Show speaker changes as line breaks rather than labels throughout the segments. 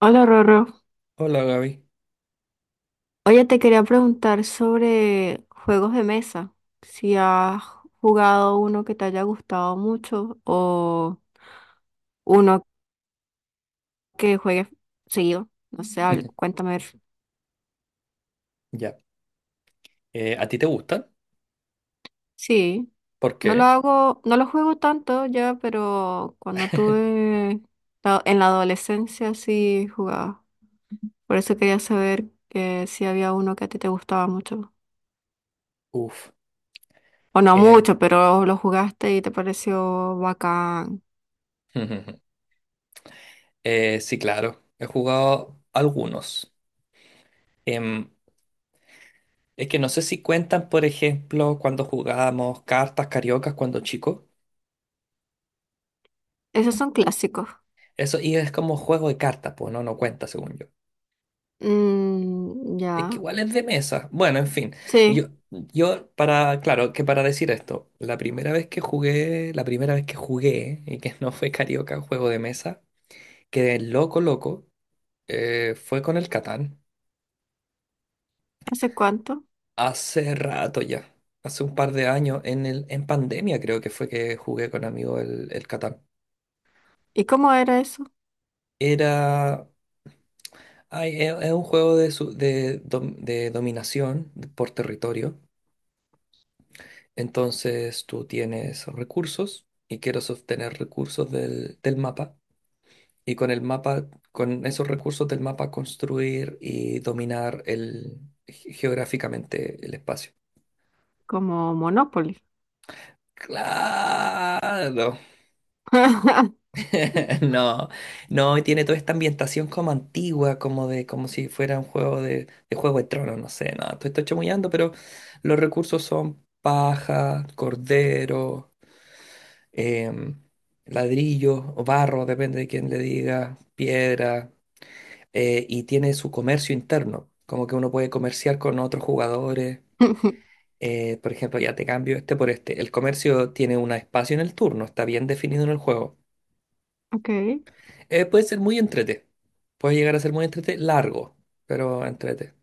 Hola, Rorro.
Hola, Gaby.
Oye, te quería preguntar sobre juegos de mesa. Si has jugado uno que te haya gustado mucho o uno que juegues seguido. No sé, al- cuéntame.
Ya. ¿A ti te gustan?
Sí,
¿Por
no lo
qué?
hago, no lo juego tanto ya, pero cuando tuve la- en la adolescencia sí jugaba. Por eso quería saber que si había uno que a ti te gustaba mucho.
Uf.
O no
em,
mucho, pero lo jugaste y te pareció bacán.
sí, claro. He jugado algunos. Em, es que no sé si cuentan, por ejemplo, cuando jugábamos cartas cariocas cuando chico.
Esos son clásicos.
Eso es como juego de cartas, pues no cuenta, según yo.
Mm,
Es que
ya.
igual es de mesa. Bueno, en fin.
Sí.
Yo para, claro, que para decir esto, la primera vez que jugué, y que no fue carioca, juego de mesa, quedé loco. Fue con el Catán.
¿Hace cuánto?
Hace rato ya. Hace un par de años, en pandemia creo que fue que jugué con amigos el Catán.
¿Y cómo era eso?
Era... ay, es un juego de, de dominación por territorio. Entonces tú tienes recursos y quieres obtener recursos del mapa. Y con el mapa, con esos recursos del mapa construir y dominar el, geográficamente el espacio.
Como Monopoly.
Claro. No, no, y tiene toda esta ambientación como antigua, como de, como si fuera un juego de Juego de Tronos, no sé, nada, estoy chamullando, pero los recursos son paja, cordero, em, ladrillos o barro, depende de quién le diga, piedra, y tiene su comercio interno, como que uno puede comerciar con otros jugadores, por ejemplo, ya te cambio este por este, el comercio tiene un espacio en el turno, está bien definido en el juego.
Ok.
Puede ser muy entrete. Puede llegar a ser muy entrete, largo, pero entrete.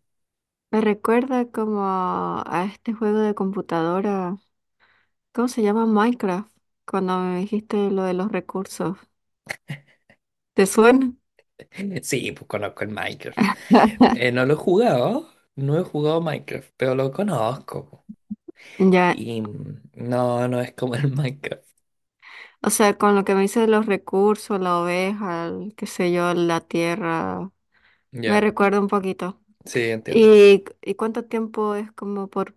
Me recuerda como a este juego de computadora. ¿Cómo se llama? Minecraft. Cuando me dijiste lo de los recursos. ¿Te suena?
Sí, pues conozco el Minecraft. No lo he jugado, no he jugado Minecraft, pero lo conozco, po.
Ya.
Y no, no es como el Minecraft.
O sea, con lo que me dices de los recursos, la oveja, el, qué sé yo, la tierra. Me
Ya,
recuerda un poquito.
sí, entiendo.
Y cuánto tiempo es como por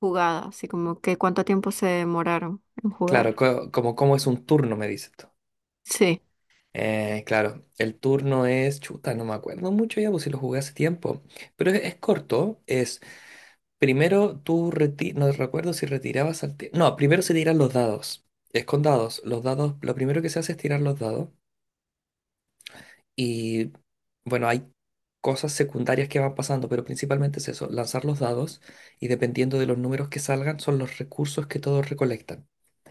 jugada, así como que cuánto tiempo se demoraron en
Claro,
jugar?
como, como es un turno, me dices tú.
Sí,
Claro, el turno es chuta, no me acuerdo mucho ya, pues si lo jugué hace tiempo. Pero es corto, es primero tú no recuerdo si retirabas al no, primero se tiran los dados. Es con dados. Los dados, lo primero que se hace es tirar los dados. Y bueno, hay cosas secundarias que van pasando, pero principalmente es eso, lanzar los dados y dependiendo de los números que salgan son los recursos que todos recolectan.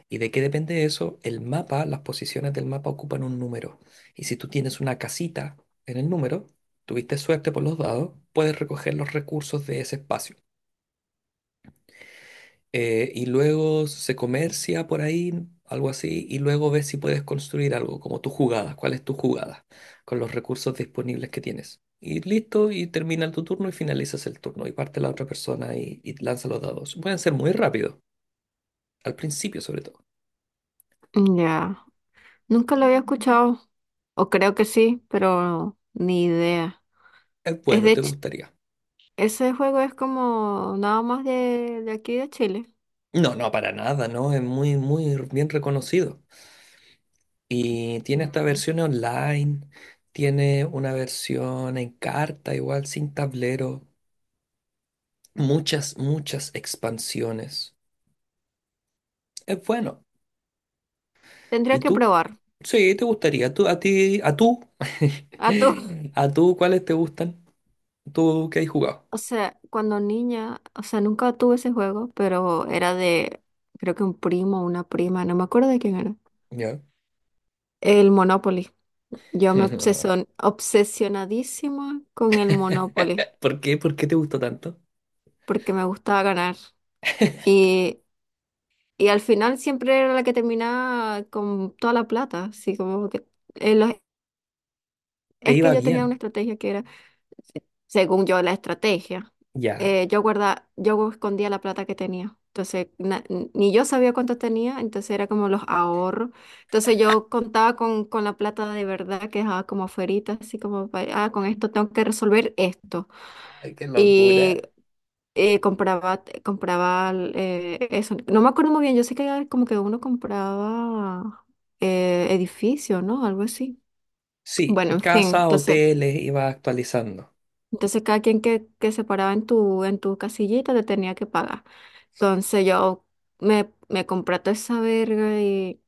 ¿Y de qué depende eso? El mapa, las posiciones del mapa ocupan un número. Y si tú tienes una casita en el número, tuviste suerte por los dados, puedes recoger los recursos de ese espacio. Y luego se comercia por ahí, algo así, y luego ves si puedes construir algo, como tus jugadas, cuál es tu jugada, con los recursos disponibles que tienes. Y listo, y termina tu turno y finalizas el turno, y parte la otra persona y lanza los dados. Pueden ser muy rápidos, al principio sobre todo.
ya. Nunca lo había escuchado, o creo que sí, pero ni idea.
Es
Es
bueno,
de
te
Ch-
gustaría.
ese juego es como nada más de aquí de Chile.
No, no, para nada, ¿no? Es muy, muy bien reconocido. Y tiene esta
Mm.
versión online, tiene una versión en carta, igual sin tablero. Muchas, muchas expansiones. Es bueno. ¿Y
Tendría que
tú?
probar.
Sí, te gustaría. ¿Tú, a ti, a tú?
A tú,
¿A tú cuáles te gustan? ¿Tú qué has jugado?
o sea, cuando niña, o sea, nunca tuve ese juego, pero era de, creo que un primo o una prima, no me acuerdo de quién era.
¿Ya?
El Monopoly. Yo me obsesion- obsesionadísima con el Monopoly.
¿Por qué? ¿Por qué te gustó tanto?
Porque me gustaba ganar. Y, y al final siempre era la que terminaba con toda la plata, así como que... los-
Te
es que
iba
yo tenía una
bien.
estrategia que era, según yo, la estrategia.
Ya.
Yo guarda, yo escondía la plata que tenía. Entonces, na- ni yo sabía cuánto tenía, entonces era como los ahorros. Entonces yo contaba con la plata de verdad que dejaba como afuerita, así como, pa- ah, con esto tengo que resolver esto.
Ay, qué
Y
locura.
compraba, compraba eso. No me acuerdo muy bien, yo sé que era como que uno compraba edificio, ¿no? Algo así.
Sí,
Bueno, en fin,
casa,
entonces,
hoteles, iba actualizando.
entonces cada quien que se paraba en tu casillita te tenía que pagar. Entonces yo me compré toda esa verga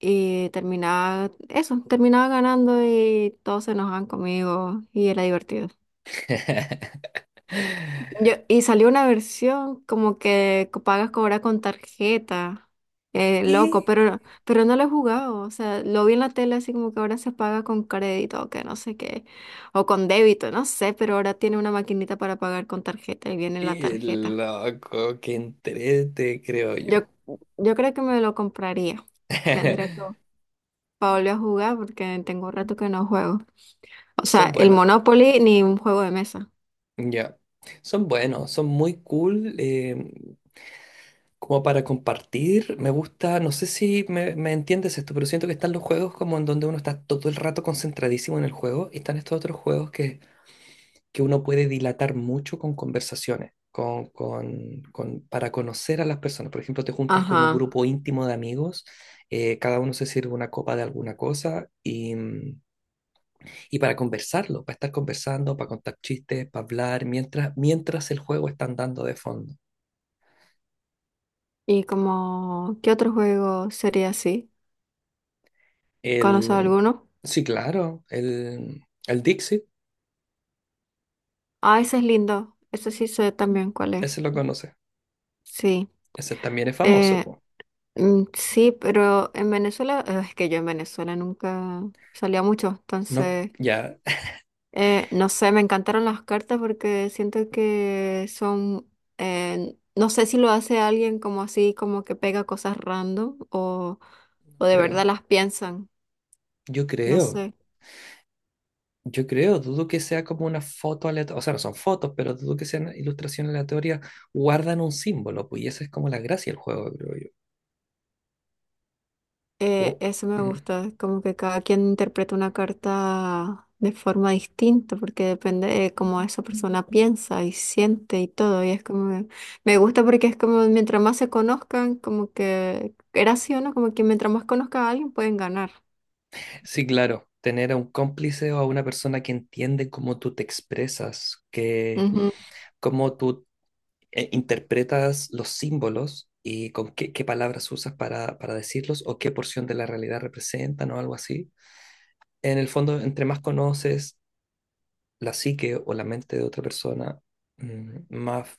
y terminaba, eso, terminaba ganando y todos se enojaban conmigo y era divertido. Yo, y salió una versión como que co- pagas cobrar con tarjeta. Loco,
¿Qué?
pero no lo he jugado. O sea, lo vi en la tele así como que ahora se paga con crédito o que no sé qué. O con débito, no sé, pero ahora tiene una maquinita para pagar con tarjeta y viene la
Qué
tarjeta.
loco, qué entrete, creo
Yo,
yo.
yo creo que me lo compraría. Tendría que para volver a jugar porque tengo rato que no juego. O sea,
Son
el
buenos.
Monopoly ni un juego de mesa.
Ya, son buenos, son muy cool, como para compartir. Me gusta, no sé si me entiendes esto, pero siento que están los juegos como en donde uno está todo el rato concentradísimo en el juego y están estos otros juegos que uno puede dilatar mucho con conversaciones, para conocer a las personas. Por ejemplo, te juntas con un
Ajá.
grupo íntimo de amigos, cada uno se sirve una copa de alguna cosa y para conversarlo, para estar conversando, para contar chistes, para hablar, mientras, mientras el juego está andando de fondo.
¿Y como qué otro juego sería así? ¿Conoces
El,
alguno?
sí, claro, el Dixit,
Ah, ese es lindo. Ese sí sé también cuál es.
ese lo conoce.
Sí.
Ese también es famoso,
Eh,
po.
mm, sí, pero en Venezuela, es que yo en Venezuela nunca salía mucho,
No,
entonces,
ya,
no sé, me encantaron las cartas porque siento que son, no sé si lo hace alguien como así, como que pega cosas random o de verdad
creo.
las piensan,
Yo
no
creo,
sé.
yo creo, dudo que sea como una foto aleatoria, o sea, no son fotos, pero dudo que sean ilustraciones aleatorias, guardan un símbolo, pues, y esa es como la gracia del juego, creo yo. Oh,
Eso me
mm.
gusta, como que cada quien interpreta una carta de forma distinta, porque depende de cómo esa persona piensa y siente y todo. Y es como, me gusta porque es como mientras más se conozcan, como que era así o no, como que mientras más conozca a alguien pueden ganar.
Sí, claro, tener a un cómplice o a una persona que entiende cómo tú te expresas, que,
Ujú,
cómo tú interpretas los símbolos y con qué palabras usas para decirlos o qué porción de la realidad representan o algo así. En el fondo, entre más conoces la psique o la mente de otra persona, más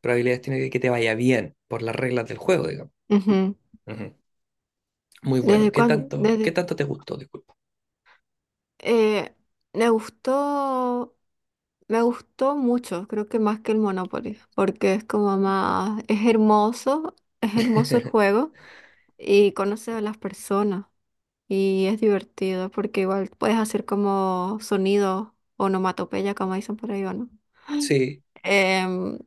probabilidades tiene de que te vaya bien por las reglas del juego, digamos.
ujú.
Ujú. Muy bueno.
Desde cuándo
Qué
desde,
tanto te gustó? Disculpa.
eh, me gustó, me gustó mucho, creo que más que el Monopoly, porque es como más, es hermoso el juego. Y conoces a las personas y es divertido porque igual puedes hacer como sonido, onomatopeya, como dicen por ahí, ¿o no?
Sí.
Em,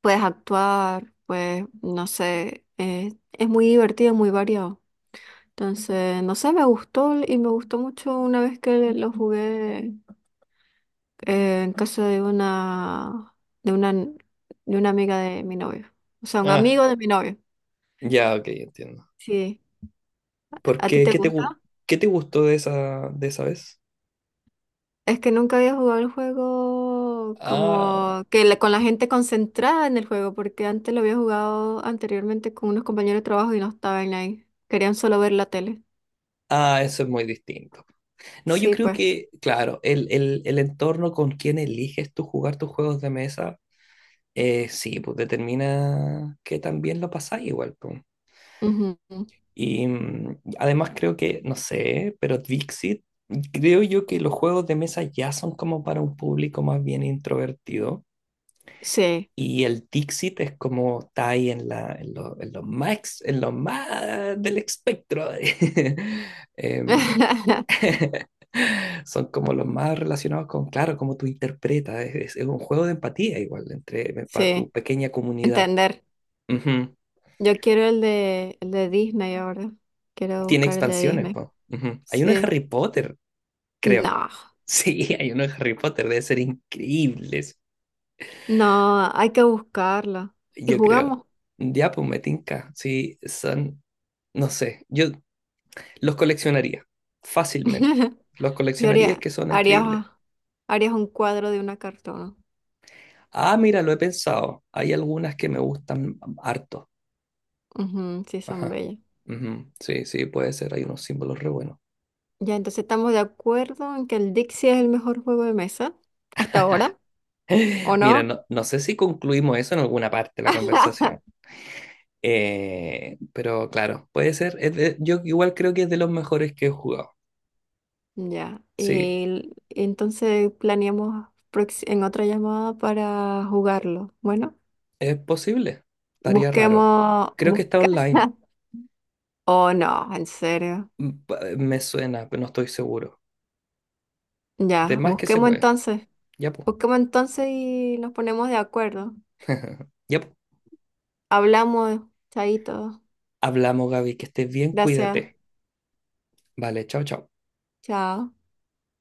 puedes actuar, pues no sé, es muy divertido, muy variado. Entonces, no sé, me gustó y me gustó mucho una vez que lo jugué en casa de una, de una, de una amiga de mi novio. O sea, un
Ah,
amigo de mi novio.
ya, ok, entiendo.
Sí.
¿Por
¿A ti
qué?
te gusta?
¿Qué te gustó de esa vez?
Es que nunca había jugado el juego
Ah,
como que la- con la gente concentrada en el juego, porque antes lo había jugado anteriormente con unos compañeros de trabajo y no estaban ahí. Querían solo ver la tele.
ah, eso es muy distinto. No, yo
Sí,
creo
pues.
que, claro, el entorno con quien eliges tú jugar tus juegos de mesa, sí, pues determina que también lo pasás igual, pues.
Ujú.
Y además creo que, no sé, pero Dixit, creo yo que los juegos de mesa ya son como para un público más bien introvertido.
Sí.
Y el Dixit es como está ahí en, en los más, en los más del espectro. Em, son como los más relacionados con, claro, cómo tú interpretas. Es un juego de empatía igual entre, para tu
Sí.
pequeña comunidad.
Entender.
Ujú.
Yo quiero el de Disney ahora. Quiero
Tiene
buscar el de
expansiones,
Disney.
po. Ujú. Hay uno en
Sí.
Harry Potter, creo.
No.
Sí, hay uno en Harry Potter. Debe ser increíbles,
No, hay que buscarlo. Y
yo creo.
jugamos.
Ya, pues me tinca. Sí, son... No sé, yo los coleccionaría, fácilmente. Los
Yo
coleccionaría, es
haría,
que son increíbles.
haría, harías un cuadro de una cartona.
Ah, mira, lo he pensado. Hay algunas que me gustan harto.
Ujú, sí, son
Ajá.
bellas.
Ujú. Sí, sí, puede ser. Hay unos símbolos re buenos.
Ya, entonces estamos de acuerdo en que el Dixie es el mejor juego de mesa hasta ahora, ¿o
Mira,
no?
no, no sé si concluimos eso en alguna parte de la conversación. Pero claro, puede ser. Yo igual creo que es de los mejores que he jugado.
Ya.
Sí,
El- entonces planeamos prox- en otra llamada para jugarlo. Bueno,
es posible. Estaría raro.
busquemos,
Creo que está
busca.
online.
Oh, no, ¿en serio?
Me suena, pero no estoy seguro. De
Ya,
más que se
busquemos
puede.
entonces.
Ya, pues.
Busquemos entonces y nos ponemos de acuerdo.
Ya, pues.
Hablamos, chaito.
Hablamos, Gaby, que estés bien,
Gracias,
cuídate. Vale, chao, chao.
chao.